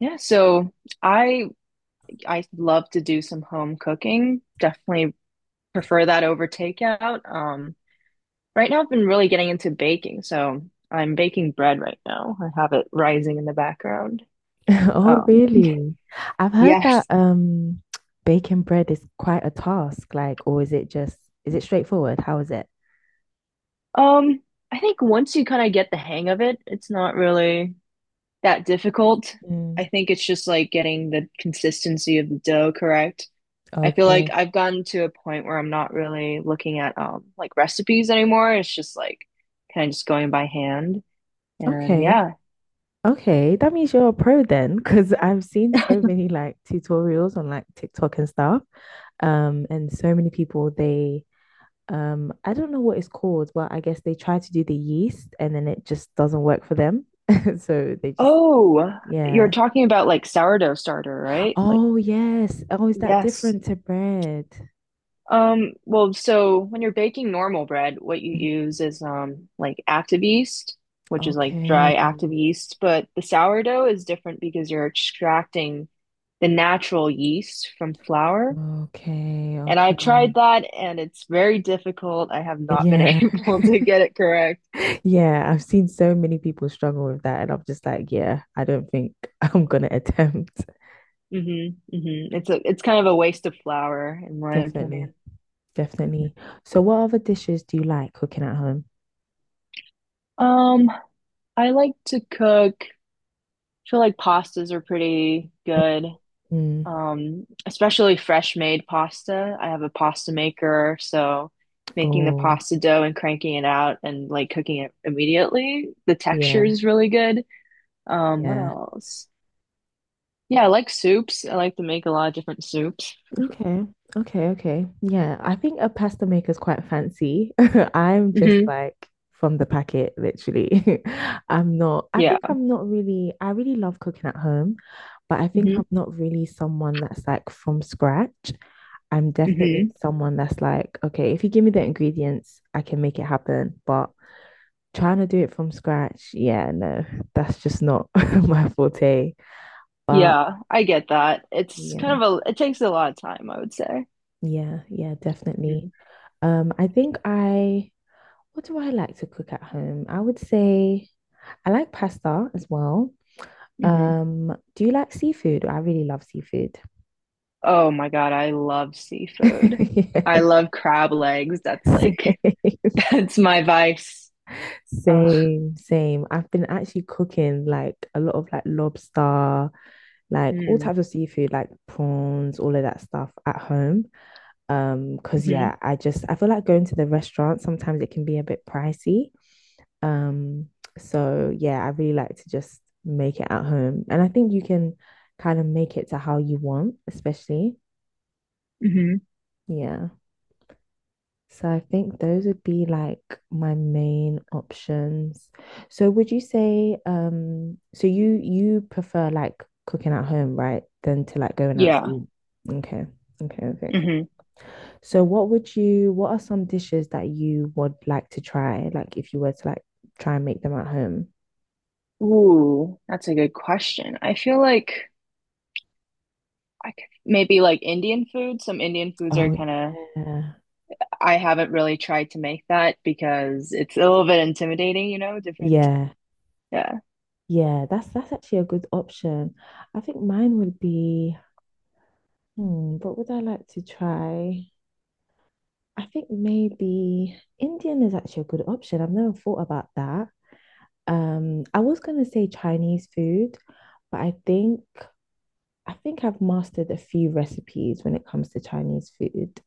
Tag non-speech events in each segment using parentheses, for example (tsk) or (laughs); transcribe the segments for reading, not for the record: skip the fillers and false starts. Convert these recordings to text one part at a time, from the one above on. Yeah, so I I love to do some home cooking. Definitely prefer that over takeout. Right now I've been really getting into baking, so I'm baking bread right now. I have it rising in the background. (laughs) Oh, Um, really? I've (laughs) heard that yes. (tsk) Baking bread is quite a task, like, or is it just is it straightforward? How is it? Um, I think once you kind of get the hang of it, it's not really that difficult. Mm, I think it's just like getting the consistency of the dough correct. I feel like okay. I've gotten to a point where I'm not really looking at like recipes anymore. It's just like kind of just going by hand. And Okay. yeah. Okay. That means you're a pro then, because I've seen so many like tutorials on like TikTok and stuff. And so many people they I don't know what it's called, but I guess they try to do the yeast and then it just doesn't work for them. (laughs) So they just Oh, you're yeah. talking about like sourdough starter, right? Like Oh, yes. Oh, is that yes. different to bread? Well, so when you're baking normal bread, what you Mhm. use is like active yeast, which is like dry active Okay. yeast, but the sourdough is different because you're extracting the natural yeast from flour. Okay. And I've Okay. tried that and it's very difficult. I have not been (laughs) Yeah. able to get (laughs) it correct. Yeah. I've seen so many people struggle with that. And I'm just like, yeah, I don't think (laughs) I'm gonna attempt. Hmm Hmm. It's kind of a waste of flour in my Definitely. opinion. Mhm. Definitely. So what other dishes do you like cooking at home? Um, I like to cook. I feel like pastas are pretty good. Mm. Especially fresh made pasta. I have a pasta maker, so making the Oh, pasta dough and cranking it out and like cooking it immediately, the texture yeah. is really good. What Yeah. else? Yeah, I like soups. I like to make a lot of different soups. Okay. Okay. Okay. Yeah. I think a pasta maker is quite fancy. (laughs) I'm just Hmm like from the packet, literally. (laughs) I'm not, I Yeah. think I'm not really, I really love cooking at home, but I think hmm I'm not really someone that's like from scratch. I'm definitely Hmm. someone that's like, okay, if you give me the ingredients, I can make it happen. But trying to do it from scratch, yeah, no, that's just not (laughs) my forte. But Yeah, I get that. It's yeah, kind of a, it takes a lot of time, I would say. yeah, yeah, definitely. Hmm I think I what do I like to cook at home? I would say I like pasta as well. Hmm. Do you like seafood? I really love seafood. Oh my God, I love (laughs) seafood. I Yeah. love crab legs. That's Same, like, (laughs) (laughs) that's my vice. Ugh. same, same. I've been actually cooking like a lot of like lobster, like all Mm. types of seafood, like prawns, all of that stuff at home. Because hmm yeah, I just I feel like going to the restaurant sometimes it can be a bit pricey. Um, so yeah, I really like to just make it at home. And I think you can kind of make it to how you want, especially. hmm. Yeah. So I think those would be like my main options. So would you say so you prefer like cooking at home, right? Than to like going out to Yeah. eat. Okay. Okay, okay, okay. Hmm. So what would you what are some dishes that you would like to try, like if you were to like try and make them at home? Ooh, that's a good question. I feel like I could maybe like Indian food. Some Indian foods are Oh kind of, yeah. I haven't really tried to make that because it's a little bit intimidating, you know, different. Yeah, Yeah. yeah, that's actually a good option. I think mine would be, hmm, what would I like to try? I think maybe Indian is actually a good option. I've never thought about that. I was gonna say Chinese food, but I think I've mastered a few recipes when it comes to Chinese food.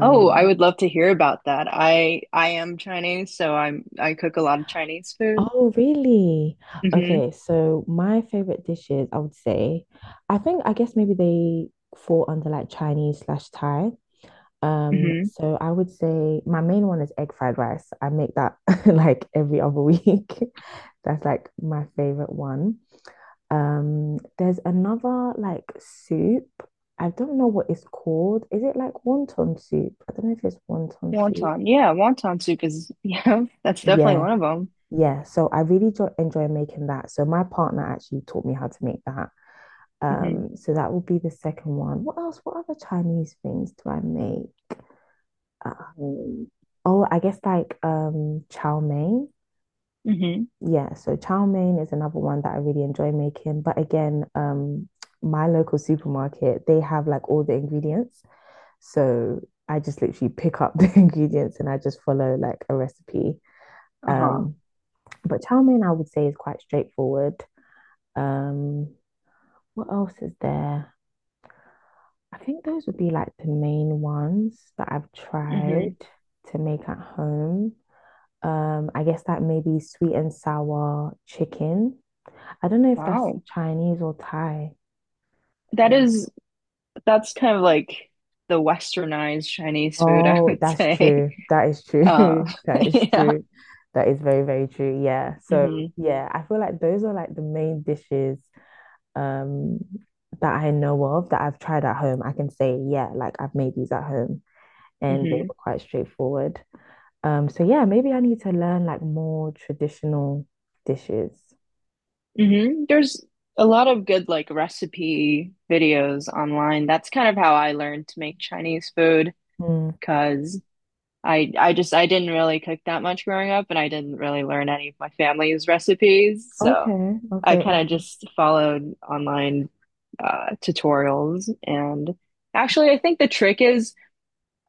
Oh, I would love to hear about that. I am Chinese, so I cook a lot of Chinese food. oh really? Hmm Okay, so my favorite dishes, I would say, I think I guess maybe they fall under like Chinese slash Thai. Hmm. So I would say my main one is egg fried rice. I make that (laughs) like every other week. (laughs) That's like my favorite one. There's another like soup. I don't know what it's called. Is it like wonton soup? I don't know if it's wonton soup. Wonton. Yeah, wonton soup is (laughs) yeah, that's definitely Yeah, one of them. yeah. So I really jo enjoy making that. So my partner actually taught me how to make that. Hmm So that will be the second one. What else? What other Chinese things do I make? Um, oh, I guess like chow mein. hmm. Yeah, so chow mein is another one that I really enjoy making. But again, my local supermarket, they have like all the ingredients. So I just literally pick up (laughs) the ingredients and I just follow like a recipe. Uh-huh. Um, but chow mein I would say is quite straightforward. Um, what else is there? I think those would be like the main ones that I've tried Hmm. to make at home. I guess that may be sweet and sour chicken. I don't know if that's Wow. Chinese or Thai. That is that's kind of like the westernized Chinese food, (laughs) I Oh, would that's say. true. (laughs) That is true. Uh (laughs) That (laughs) is yeah. true. That is very, very true. Yeah. So, hmm yeah, I feel like those are like the main dishes um that I know of that I've tried at home. I can say, yeah, like I've made these at home and they hmm were quite straightforward. So yeah, maybe I need to learn like more traditional dishes. Hmm. There's a lot of good like recipe videos online. That's kind of how I learned to make Chinese food. Mm. Because I didn't really cook that much growing up, and I didn't really learn any of my family's recipes, so Okay, I okay, kind of okay. just followed online tutorials. And actually, I think the trick is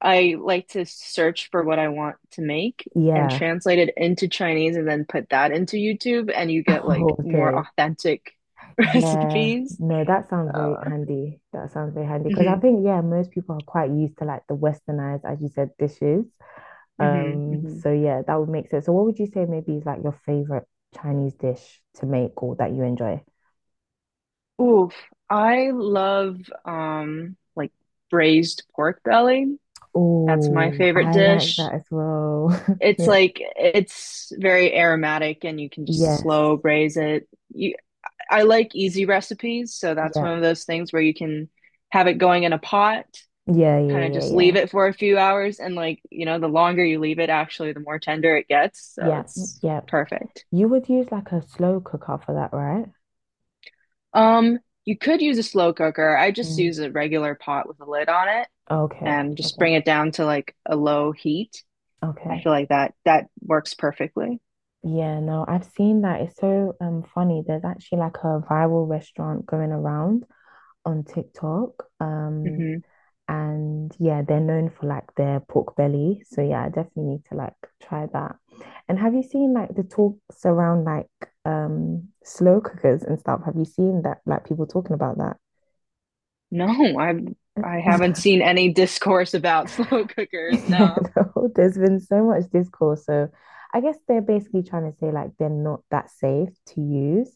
I like to search for what I want to make and Yeah. translate it into Chinese, and then put that into YouTube, and you get (laughs) Oh, like more okay. authentic (laughs) Yeah. recipes. No, that sounds very Uh, handy. That sounds very handy because I hmm think, yeah, most people are quite used to like the westernized, as you said, dishes. hmm Hmm. So yeah, that would make sense. So what would you say maybe is like your favorite Chinese dish to make or that you enjoy? Oof, I love like braised pork belly. That's my Oh, favorite I like dish. that as well. (laughs) It's Yeah. like it's very aromatic and you can just Yes. slow braise it. You, I like easy recipes, so that's Yeah. one of those things where you can have it going in a pot, Yeah, yeah, kind of yeah, just leave yeah. it for a few hours and like, you know, the longer you leave it actually the more tender it gets, so Yeah, mm, it's yeah. perfect. You would use like a slow cooker for that, right? Um, you could use a slow cooker. I just Mm. use a regular pot with a lid on it. Okay. And just Okay. bring it down to like a low heat. I Okay. feel like that works perfectly. Yeah, no, I've seen that. It's so funny. There's actually like a viral restaurant going around on TikTok. Hmm. And yeah, they're known for like their pork belly. So yeah, I definitely need to like try that. And have you seen like the talks around like slow cookers and stuff? Have you seen that like people talking about that? No, I I haven't (laughs) seen any discourse about (laughs) slow cookers. Yeah, No. no, there's been so much discourse. So I guess they're basically trying to say like they're not that safe to use.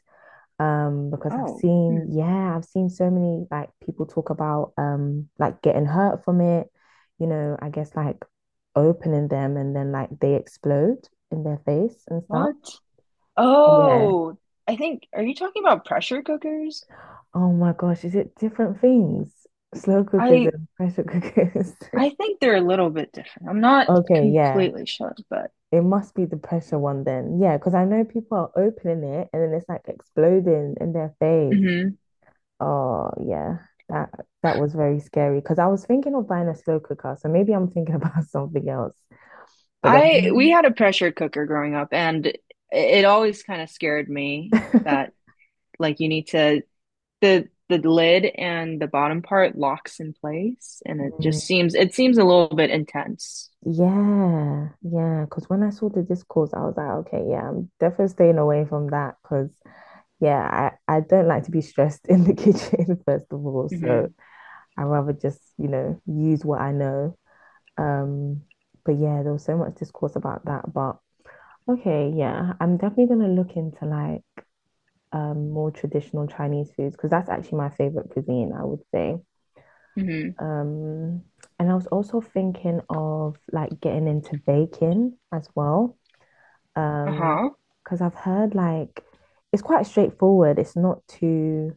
Because I've Oh, seen, hmm. yeah, I've seen so many like people talk about like getting hurt from it, you know, I guess like opening them and then like they explode in their face and stuff. What? Yeah. Oh, I think are you talking about pressure cookers? Oh my gosh, is it different things? Slow cookers I and pressure cookers. (laughs) I think they're a little bit different. I'm not Okay, yeah. completely sure, but It must be the pressure one then. Yeah, because I know people are opening it and then it's like exploding in their face. hmm. Oh yeah, that that was very scary because I was thinking of buying a slow cooker, so maybe I'm thinking about (laughs) something else. But then I we when had a pressure cooker growing up, and it always kind of scared me I- (laughs) that like you need to the lid and the bottom part locks in place and it Mm, just seems it seems a little bit intense. yeah, yeah, because when I saw the discourse, I was like, okay, yeah, I'm definitely staying away from that because yeah, I don't like to be stressed in the (laughs) kitchen first of all, so Mm-hmm. I rather just you know use what I know. Um, but yeah, there was so much discourse about that, but okay, yeah, I'm definitely gonna look into like more traditional Chinese foods because that's actually my favorite cuisine, I would say. Mm-hmm. Um, and I was also thinking of like getting into baking as well. Um, Uh-huh. because I've heard like it's quite straightforward. It's not too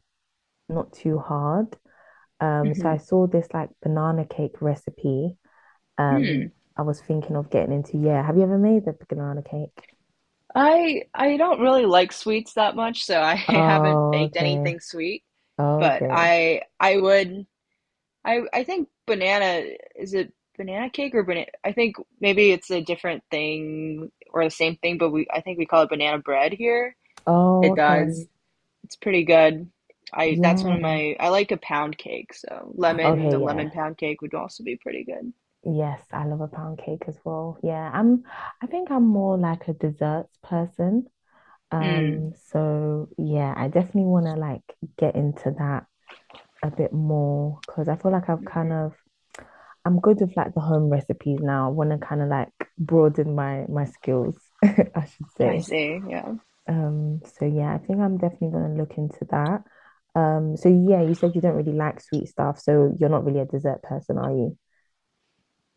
not too hard. So I Mm-hmm. saw this like banana cake recipe. Hmm. Um, I was thinking of getting into. Yeah, have you ever made the banana cake? I don't really like sweets that much, so I (laughs) haven't Oh, baked okay. anything sweet, but Okay. I would I think banana is it banana cake or banana I think maybe it's a different thing or the same thing, but we I think we call it banana bread here. Oh, It okay. does. It's pretty good. I that's one of Yeah. my I like a pound cake, so lemon, the Okay, lemon yeah. pound cake would also be pretty good. Yes, I love a pound cake as well. Yeah, I'm I think I'm more like a desserts person. Mm. So yeah, I definitely want to like get into that a bit more because I feel like I've kind Hmm. of I'm good with like the home recipes now. I want to kind of like broaden my my skills, (laughs) I should I say. see, yeah. So yeah, I think I'm definitely going to look into that. So yeah, you said you don't really like sweet stuff, so you're not really a dessert person, are you?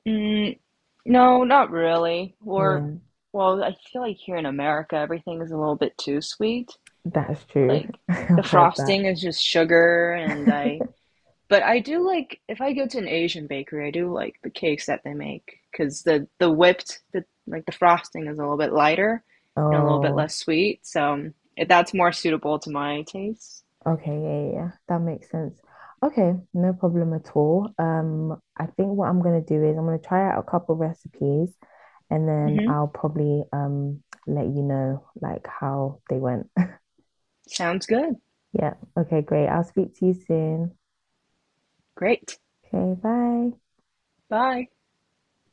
Mm, no, not really. Or Yeah, well, I feel like here in America everything is a little bit too sweet. that is true. Like (laughs) the I've heard that. frosting is just sugar and I (laughs) But I do like if I go to an Asian bakery, I do like the cakes that they make because the whipped the like the frosting is a little bit lighter and a little bit Oh, less sweet. So if that's more suitable to my taste. okay, yeah, yeah, yeah. That makes sense. Okay, no problem at all. I think what I'm gonna do is I'm gonna try out a couple recipes and then Hmm. I'll probably let you know like how they went. (laughs) Sounds good. Yeah, okay, great. I'll speak to you soon. Great. Okay, bye. Bye.